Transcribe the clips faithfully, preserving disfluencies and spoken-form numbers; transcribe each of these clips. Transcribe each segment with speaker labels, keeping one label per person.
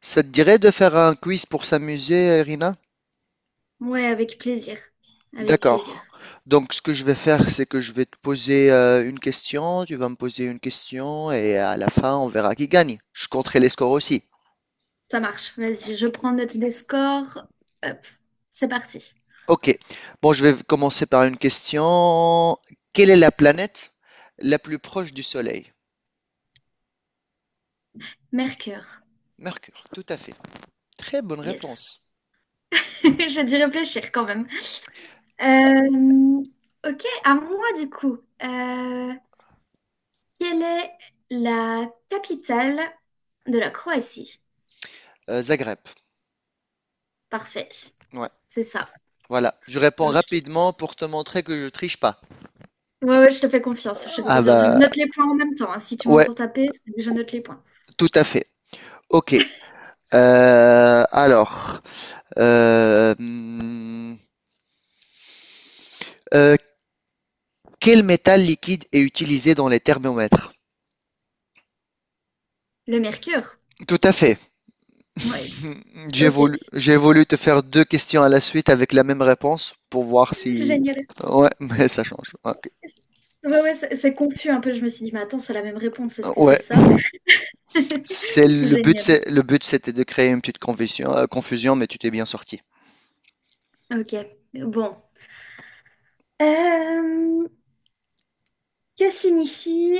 Speaker 1: Ça te dirait de faire un quiz pour s'amuser, Irina.
Speaker 2: Ouais, avec plaisir. Avec plaisir.
Speaker 1: D'accord. Donc, ce que je vais faire, c'est que je vais te poser euh, une question, tu vas me poser une question, et à la fin, on verra qui gagne. Je compterai les scores aussi.
Speaker 2: Ça marche. Vas-y, je prends note des scores. Hop, c'est parti.
Speaker 1: Ok. Bon, je vais commencer par une question. Quelle est la planète la plus proche du Soleil?
Speaker 2: Mercure.
Speaker 1: Mercure, tout à fait. Très bonne
Speaker 2: Yes.
Speaker 1: réponse.
Speaker 2: J'ai dû réfléchir quand même. Euh, ok, à moi du coup. Euh, Quelle est la capitale de la Croatie?
Speaker 1: Euh, Zagreb.
Speaker 2: Parfait.
Speaker 1: Ouais,
Speaker 2: C'est ça.
Speaker 1: voilà. Je réponds
Speaker 2: Ok.
Speaker 1: rapidement pour te montrer que je triche pas.
Speaker 2: Ouais, ouais, je te fais confiance. Je te fais
Speaker 1: Ah
Speaker 2: confiance. Je
Speaker 1: bah,
Speaker 2: note les points en même temps, hein. Si tu
Speaker 1: ouais,
Speaker 2: m'entends taper, c'est que je note les points.
Speaker 1: tout à fait. Ok. Euh, alors, euh, hmm, euh, quel métal liquide est utilisé dans les thermomètres?
Speaker 2: Le Mercure?
Speaker 1: Tout à fait.
Speaker 2: Oui.
Speaker 1: J'ai
Speaker 2: Ok.
Speaker 1: voulu, j'ai voulu te faire deux questions à la suite avec la même réponse pour voir si...
Speaker 2: Génial.
Speaker 1: Ouais, mais ça change. Ok.
Speaker 2: Ouais, ouais, c'est c'est confus un peu. Je me suis dit, mais attends, c'est la même réponse, est-ce que c'est
Speaker 1: Ouais,
Speaker 2: ça?
Speaker 1: c'est le but,
Speaker 2: Génial.
Speaker 1: c'est le but, c'était de créer une petite confusion, euh, confusion, mais tu t'es bien sorti.
Speaker 2: Ok, bon. Euh, que signifie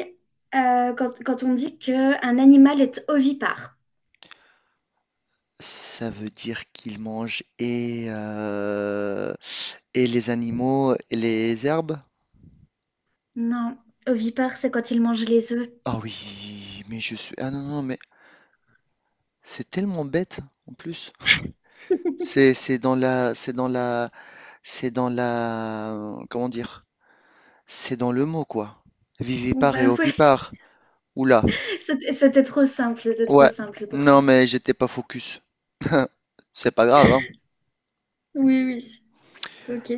Speaker 2: euh, quand, quand on dit qu'un animal est ovipare?
Speaker 1: Ça veut dire qu'ils mangent et euh, et les animaux et les herbes?
Speaker 2: Non, ovipare, c'est quand il mange les œufs.
Speaker 1: Ah oui, mais je suis ah non, non, mais c'est tellement bête en plus. C'est c'est dans la c'est dans la c'est dans la comment dire? C'est dans le mot quoi.
Speaker 2: Bon,
Speaker 1: Vivipare et
Speaker 2: bah ouais,
Speaker 1: ovipare. Oula.
Speaker 2: c'était c'était trop simple, c'était trop
Speaker 1: Ouais.
Speaker 2: simple pour ça.
Speaker 1: Non mais j'étais pas focus. C'est pas grave, hein.
Speaker 2: Oui, oui, ok.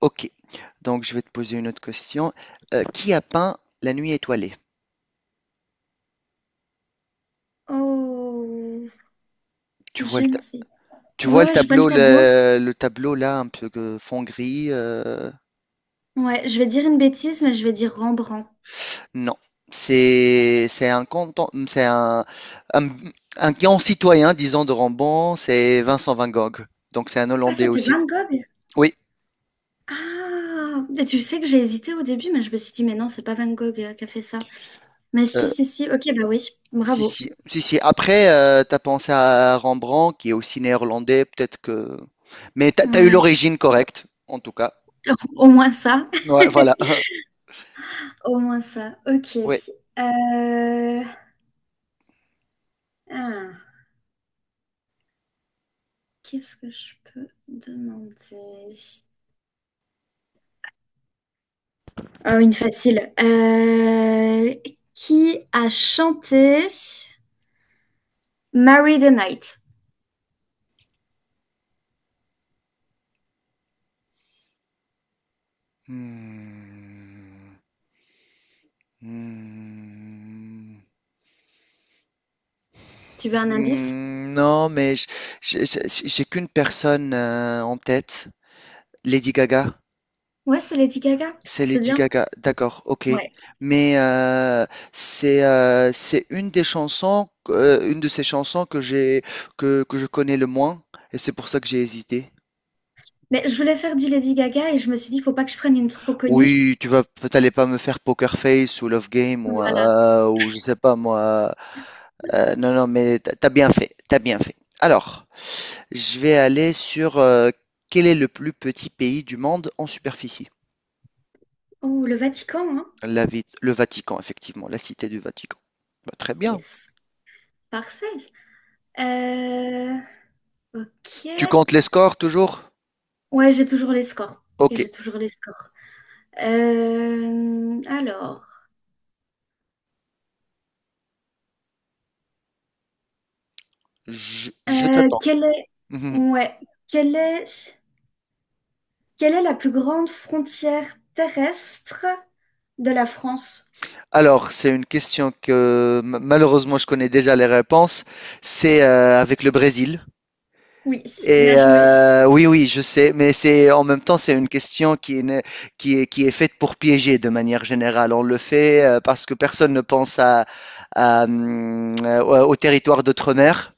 Speaker 1: Ok. Donc je vais te poser une autre question. Euh, qui a peint La nuit étoilée?
Speaker 2: Oh,
Speaker 1: Tu vois
Speaker 2: je
Speaker 1: le ta-
Speaker 2: ne sais.
Speaker 1: Tu vois
Speaker 2: Ouais,
Speaker 1: le
Speaker 2: ouais, je vois le
Speaker 1: tableau
Speaker 2: tableau.
Speaker 1: le, le tableau là un peu que fond gris. euh,
Speaker 2: Ouais, je vais dire une bêtise, mais je vais dire Rembrandt.
Speaker 1: Non, c'est c'est un canton, c'est un, un, un grand citoyen, disons, de Rambon, c'est Vincent van Gogh. Donc c'est un
Speaker 2: Ah,
Speaker 1: Hollandais
Speaker 2: c'était
Speaker 1: aussi.
Speaker 2: Van Gogh?
Speaker 1: Oui,
Speaker 2: Ah, et tu sais que j'ai hésité au début, mais je me suis dit, mais non, c'est pas Van Gogh euh, qui a fait ça. Mais si,
Speaker 1: euh,
Speaker 2: si, si, ok, bah oui,
Speaker 1: si,
Speaker 2: bravo.
Speaker 1: si, si, si. Après, euh, t'as pensé à Rembrandt, qui est aussi néerlandais, peut-être que. Mais t'as, t'as eu
Speaker 2: Ouais,
Speaker 1: l'origine correcte, en tout cas.
Speaker 2: au moins ça.
Speaker 1: Ouais, voilà.
Speaker 2: Au moins ça, ok.
Speaker 1: Ouais.
Speaker 2: Euh, ah, Qu'est-ce que je peux demander? Oh, une facile. Euh, qui a chanté Marry the Night?
Speaker 1: Hmm. Hmm.
Speaker 2: Tu veux un indice?
Speaker 1: Hmm. Non, mais j- j- j- j'ai qu'une personne euh, en tête, Lady Gaga.
Speaker 2: Ouais, c'est Lady Gaga.
Speaker 1: C'est
Speaker 2: C'est
Speaker 1: Lady
Speaker 2: bien.
Speaker 1: Gaga, d'accord, ok.
Speaker 2: Ouais.
Speaker 1: Mais euh, c'est euh, c'est une des chansons, euh, une de ces chansons que j'ai que, que je connais le moins, et c'est pour ça que j'ai hésité.
Speaker 2: Mais je voulais faire du Lady Gaga et je me suis dit, faut pas que je prenne une trop connue.
Speaker 1: Oui, tu vas, t'allais pas me faire Poker Face ou Love Game ou
Speaker 2: Voilà.
Speaker 1: euh, ou je sais pas moi. Euh, non, non, mais t'as t'as bien fait, t'as bien fait. Alors, je vais aller sur euh, quel est le plus petit pays du monde en superficie?
Speaker 2: Oh, le Vatican, hein?
Speaker 1: La, vi- le Vatican, effectivement, la cité du Vatican. Bah, très bien.
Speaker 2: Yes. Parfait. Euh,
Speaker 1: Tu
Speaker 2: ok.
Speaker 1: comptes les scores toujours?
Speaker 2: Ouais, j'ai toujours les scores. Et
Speaker 1: Ok,
Speaker 2: j'ai toujours les scores. Euh, alors,
Speaker 1: je, je
Speaker 2: euh,
Speaker 1: t'attends.
Speaker 2: quelle est,
Speaker 1: Mhm.
Speaker 2: ouais, quelle est, quelle est la plus grande frontière terrestre de la France?
Speaker 1: Alors, c'est une question que ma- malheureusement je connais déjà les réponses. C'est euh, avec le Brésil.
Speaker 2: Oui,
Speaker 1: Et
Speaker 2: bien joué.
Speaker 1: euh, oui, oui, je sais, mais c'est en même temps c'est une question qui est, né- qui est qui est faite pour piéger de manière générale. On le fait euh, parce que personne ne pense à, à, hum, euh, au au territoire d'outre-mer.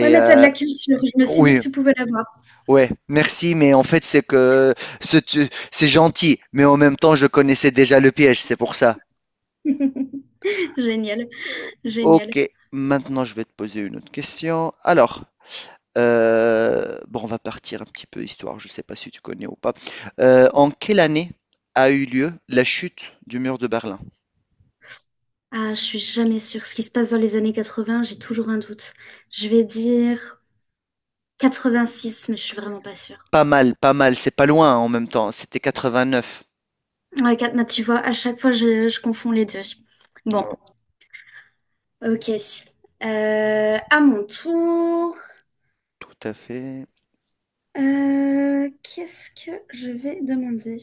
Speaker 2: Ouais, mais t'as de
Speaker 1: euh,
Speaker 2: la culture. Je me suis dit
Speaker 1: oui,
Speaker 2: que tu pouvais l'avoir.
Speaker 1: ouais, merci, mais en fait, c'est que ce tu- c'est gentil, mais en même temps, je connaissais déjà le piège, c'est pour ça.
Speaker 2: Génial,
Speaker 1: Euh,
Speaker 2: génial.
Speaker 1: Ok, maintenant, je vais te poser une autre question. Alors, euh, bon, on va partir un petit peu histoire, je ne sais pas si tu connais ou pas. Euh, en quelle année a eu lieu la chute du mur de Berlin?
Speaker 2: Ah, je suis jamais sûre. Ce qui se passe dans les années quatre-vingts, j'ai toujours un doute. Je vais dire quatre-vingt-six, mais je suis vraiment pas sûre.
Speaker 1: Pas mal, pas mal, c'est pas loin en même temps, c'était quatre-vingt-neuf.
Speaker 2: Ouais, quatre- bah, tu vois, à chaque fois, je, je confonds les deux. Bon,
Speaker 1: Ouais,
Speaker 2: ok. Euh, à mon tour,
Speaker 1: tout à fait.
Speaker 2: euh, qu'est-ce que je vais demander?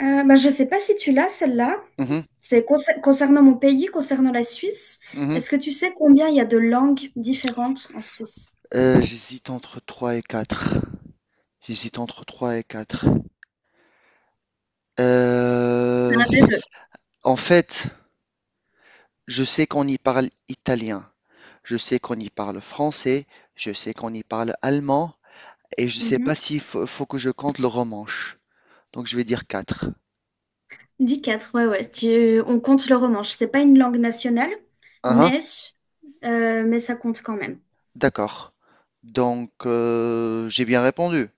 Speaker 2: Euh, bah, je sais pas si tu l'as, celle-là.
Speaker 1: Mhm,
Speaker 2: C'est concer- concernant mon pays, concernant la Suisse.
Speaker 1: mhm.
Speaker 2: Est-ce que tu sais combien il y a de langues différentes en Suisse?
Speaker 1: Euh, j'hésite entre trois et quatre. J'hésite entre trois et quatre.
Speaker 2: C'est
Speaker 1: Heu,
Speaker 2: un des deux.
Speaker 1: En fait, je sais qu'on y parle italien, je sais qu'on y parle français, je sais qu'on y parle allemand et je sais pas s'il faut faut que je compte le romanche. Donc je vais dire quatre.
Speaker 2: Dix quatre. Ouais, ouais. Tu- on compte le romanche. C'est pas une langue nationale,
Speaker 1: Hein, hein,
Speaker 2: mais, euh, mais ça compte quand même.
Speaker 1: d'accord. Donc heu, j'ai bien répondu.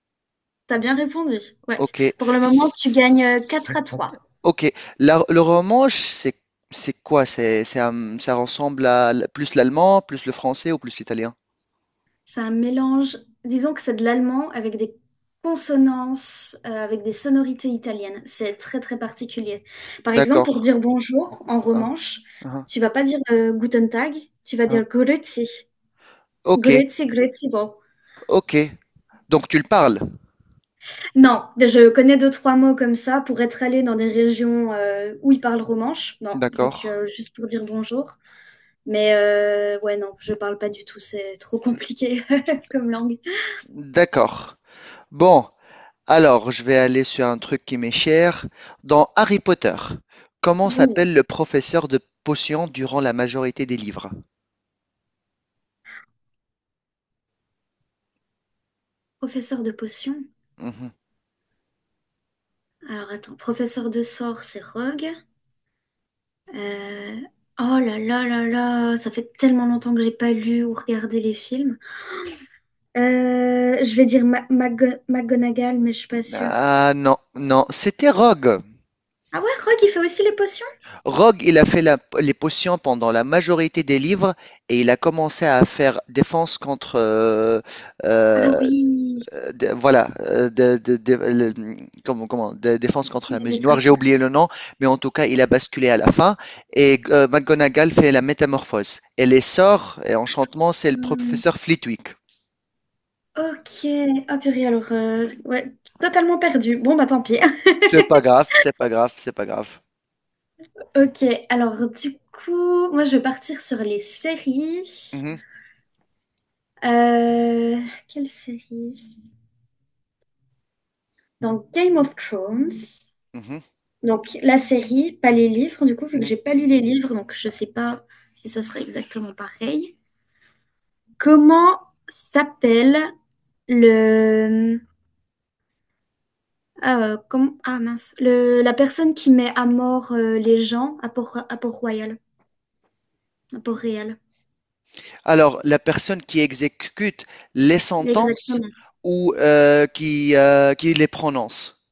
Speaker 2: T'as bien répondu. Ouais.
Speaker 1: OK.
Speaker 2: Pour le moment, tu gagnes euh, quatre
Speaker 1: S
Speaker 2: à trois.
Speaker 1: OK, la le romanche, c'est c'est quoi? C'est c'est un ça ressemble à l plus l'allemand, plus le français ou plus l'italien?
Speaker 2: C'est un mélange, disons que c'est de l'allemand avec des consonances, euh, avec des sonorités italiennes. C'est très, très particulier. Par exemple, pour
Speaker 1: D'accord.
Speaker 2: dire bonjour en
Speaker 1: Hein,
Speaker 2: romanche,
Speaker 1: hein,
Speaker 2: tu vas pas dire euh, Guten Tag, tu vas
Speaker 1: hein,
Speaker 2: dire
Speaker 1: hein.
Speaker 2: Grüezi.
Speaker 1: OK,
Speaker 2: Grüezi, Grüezi, bon.
Speaker 1: OK. Donc tu le parles,
Speaker 2: Non, je connais deux, trois mots comme ça pour être allée dans des régions euh, où ils parlent romanche. Non, donc
Speaker 1: d'accord?
Speaker 2: euh, juste pour dire bonjour. Mais euh, ouais, non, je parle pas du tout, c'est trop compliqué comme langue.
Speaker 1: D'accord. Bon, alors je vais aller sur un truc qui m'est cher. Dans Harry Potter, comment
Speaker 2: Ouh,
Speaker 1: s'appelle le professeur de potions durant la majorité des livres?
Speaker 2: professeur de potions.
Speaker 1: Mhm.
Speaker 2: Alors attends, professeur de sort, c'est Rogue. Euh, Oh là là là là, ça fait tellement longtemps que j'ai pas lu ou regardé les films. Euh, je vais dire Ma- Mago- McGonagall, mais je suis pas sûre.
Speaker 1: Ah non, non, c'était Rogue.
Speaker 2: Ah ouais, Rogue, il fait aussi les potions?
Speaker 1: Rogue, il a fait la- les potions pendant la majorité des livres et il a commencé à faire défense contre euh,
Speaker 2: Ah
Speaker 1: euh,
Speaker 2: oui,
Speaker 1: euh, de- voilà, euh, de, de- de- le- comment, comment, de défense contre
Speaker 2: il
Speaker 1: la
Speaker 2: y a
Speaker 1: magie
Speaker 2: des
Speaker 1: noire. J'ai
Speaker 2: trucs.
Speaker 1: oublié le nom, mais en tout cas, il a basculé à la fin. Et euh, McGonagall fait la métamorphose. Et les sorts et enchantements, c'est le
Speaker 2: Hmm,
Speaker 1: professeur Flitwick.
Speaker 2: Ok. Ah purée, alors, euh, ouais, totalement perdu. Bon, bah tant pis.
Speaker 1: C'est pas grave, c'est pas grave, c'est pas grave.
Speaker 2: Ok, alors du coup, moi je vais partir sur les séries.
Speaker 1: Mhm,
Speaker 2: Euh, Quelle série? Donc Game of Thrones.
Speaker 1: mhm,
Speaker 2: Donc la série, pas les livres, du coup, vu que
Speaker 1: mhm.
Speaker 2: j'ai pas lu les livres, donc je sais pas si ce serait exactement pareil. Comment s'appelle le... Ah, euh, comment... ah mince, le... la personne qui met à mort euh, les gens à Port... à Port-Royal? Pour réel.
Speaker 1: Alors, la personne qui exécute les sentences
Speaker 2: Exactement.
Speaker 1: ou euh, qui, euh, qui les prononce.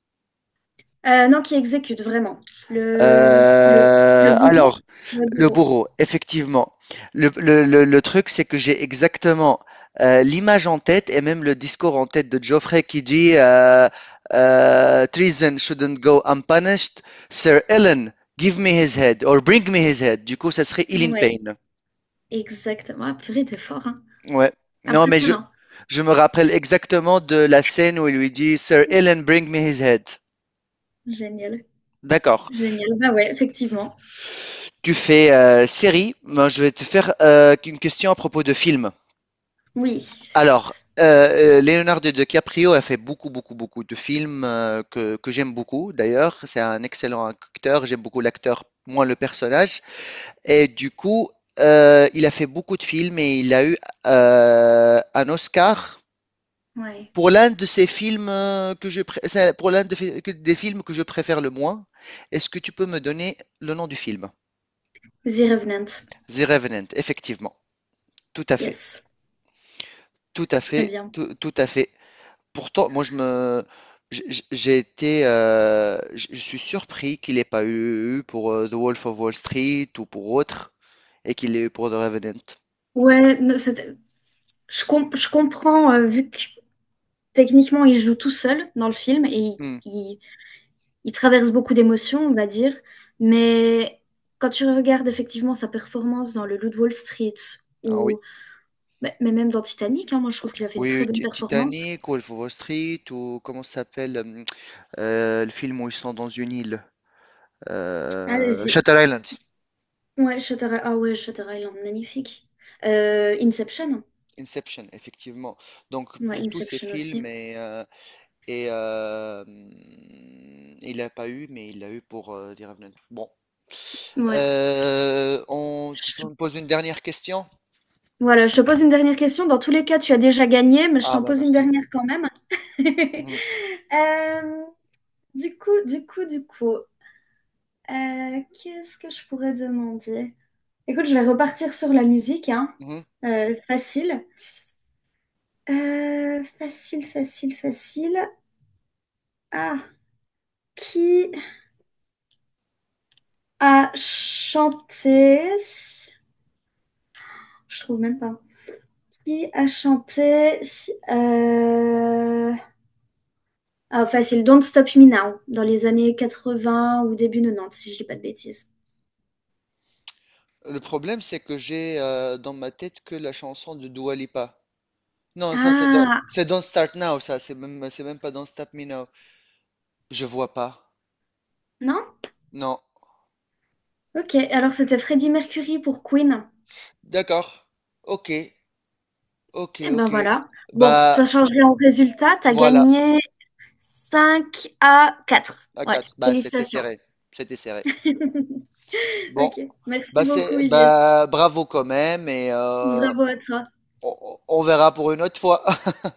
Speaker 2: Euh, non, qui exécute vraiment. Le, le, le
Speaker 1: Euh,
Speaker 2: bourreau.
Speaker 1: alors,
Speaker 2: Le
Speaker 1: Le
Speaker 2: bourreau.
Speaker 1: bourreau, effectivement. Le, le- le- le truc, c'est que j'ai exactement euh, l'image en tête et même le discours en tête de Geoffrey qui dit euh, euh, Treason shouldn't go unpunished. Sir Ellen, give me his head or bring me his head. Du coup, ça serait Ellen
Speaker 2: Ouais,
Speaker 1: Payne.
Speaker 2: exactement. Ah, purée, t'es fort, hein.
Speaker 1: Ouais. Non, mais je,
Speaker 2: Impressionnant.
Speaker 1: je me rappelle exactement de la scène où il lui dit Sir Ellen, bring me his head.
Speaker 2: Génial.
Speaker 1: D'accord.
Speaker 2: Génial. Bah ouais, effectivement.
Speaker 1: Tu fais euh, série. Moi, je vais te faire euh, une question à propos de film.
Speaker 2: Oui.
Speaker 1: Alors, heu, Leonardo DiCaprio a fait beaucoup, beaucoup, beaucoup de films, heu, que que j'aime beaucoup d'ailleurs. C'est un excellent acteur, j'aime beaucoup l'acteur, moins le personnage et du coup, heu, il a fait beaucoup de films et il a eu, heu, un Oscar
Speaker 2: Ouais.
Speaker 1: pour l'un de ses films, heu, que je pré c'est pour l'un de fi que des films que je préfère le moins. Est-ce que tu peux me donner le nom du film?
Speaker 2: The Revenant.
Speaker 1: The Revenant, effectivement. Tout à fait,
Speaker 2: Yes.
Speaker 1: tout à
Speaker 2: Très
Speaker 1: fait,
Speaker 2: bien.
Speaker 1: tout tout à fait. Pourtant, moi, je me, j'- j'ai été, euh, j- je suis surpris qu'il n'ait pas eu, eu pour euh, The Wolf of Wall Street ou pour autre, et qu'il l'ait eu pour The Revenant.
Speaker 2: Ouais, ne- c'était- je, com- je comprends, euh, vu que techniquement, il joue tout seul dans le film et il,
Speaker 1: Hmm.
Speaker 2: il- il traverse beaucoup d'émotions, on va dire, mais quand tu regardes effectivement sa performance dans Le Loup de Wall Street
Speaker 1: Ah oui,
Speaker 2: ou mais mais même dans Titanic, hein, moi je trouve qu'il a fait une très
Speaker 1: oui,
Speaker 2: bonne
Speaker 1: Ti-
Speaker 2: performance.
Speaker 1: Titanic, Wolf of Wall Street, ou comment ça s'appelle hum, euh, le film où ils sont dans une île, euh,
Speaker 2: Allez-y.
Speaker 1: Shutter Island,
Speaker 2: Ouais, Shutter Island. Ah ouais, Shutter Island, magnifique. Euh, Inception.
Speaker 1: Inception, effectivement. Donc
Speaker 2: Ouais,
Speaker 1: pour tous ces
Speaker 2: Inception
Speaker 1: films
Speaker 2: aussi.
Speaker 1: et, euh, et euh, hum, il l'a pas eu, mais il l'a eu pour euh, The Revenant. Bon,
Speaker 2: Ouais.
Speaker 1: Euh, on- tu peux me poser une dernière question?
Speaker 2: Voilà, je te pose une dernière question. Dans tous les cas, tu as déjà gagné, mais je
Speaker 1: Ah
Speaker 2: t'en
Speaker 1: bah
Speaker 2: pose une
Speaker 1: merci.
Speaker 2: dernière quand même.
Speaker 1: Mhm,
Speaker 2: Euh, du coup, du coup, du coup, euh, qu'est-ce que je pourrais demander? Écoute, je vais repartir sur la musique, hein.
Speaker 1: mhm.
Speaker 2: Euh, facile. Euh, facile, facile, facile. Ah, qui a chanté? Je trouve même pas. Qui a chanté? euh, Ah, facile. Don't Stop Me Now, dans les années quatre-vingts ou début quatre-vingt-dix, si je dis pas de bêtises.
Speaker 1: Le problème, c'est que j'ai euh, dans ma tête que la chanson de Dua Lipa. Non, ça c'est dans-
Speaker 2: Ah,
Speaker 1: c'est Don't Start Now, ça c'est même c'est même pas Don't Stop Me Now. Je vois pas.
Speaker 2: non?
Speaker 1: Non.
Speaker 2: Ok, alors c'était Freddie Mercury pour Queen.
Speaker 1: D'accord. Ok. Ok.
Speaker 2: Eh ben
Speaker 1: Ok.
Speaker 2: voilà. Bon,
Speaker 1: Bah
Speaker 2: ça change rien au résultat. T'as
Speaker 1: voilà.
Speaker 2: gagné cinq à quatre.
Speaker 1: À
Speaker 2: Ouais,
Speaker 1: quatre. Bah c'était
Speaker 2: félicitations.
Speaker 1: serré. C'était serré. Bon.
Speaker 2: Ok,
Speaker 1: Bah
Speaker 2: merci beaucoup
Speaker 1: c'est
Speaker 2: Ilyes.
Speaker 1: bah bravo quand même et euh,
Speaker 2: Bravo à toi.
Speaker 1: on on- on verra pour une autre fois.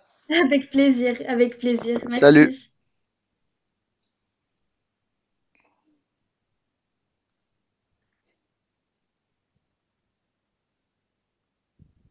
Speaker 2: Avec plaisir, avec plaisir.
Speaker 1: Salut.
Speaker 2: Merci.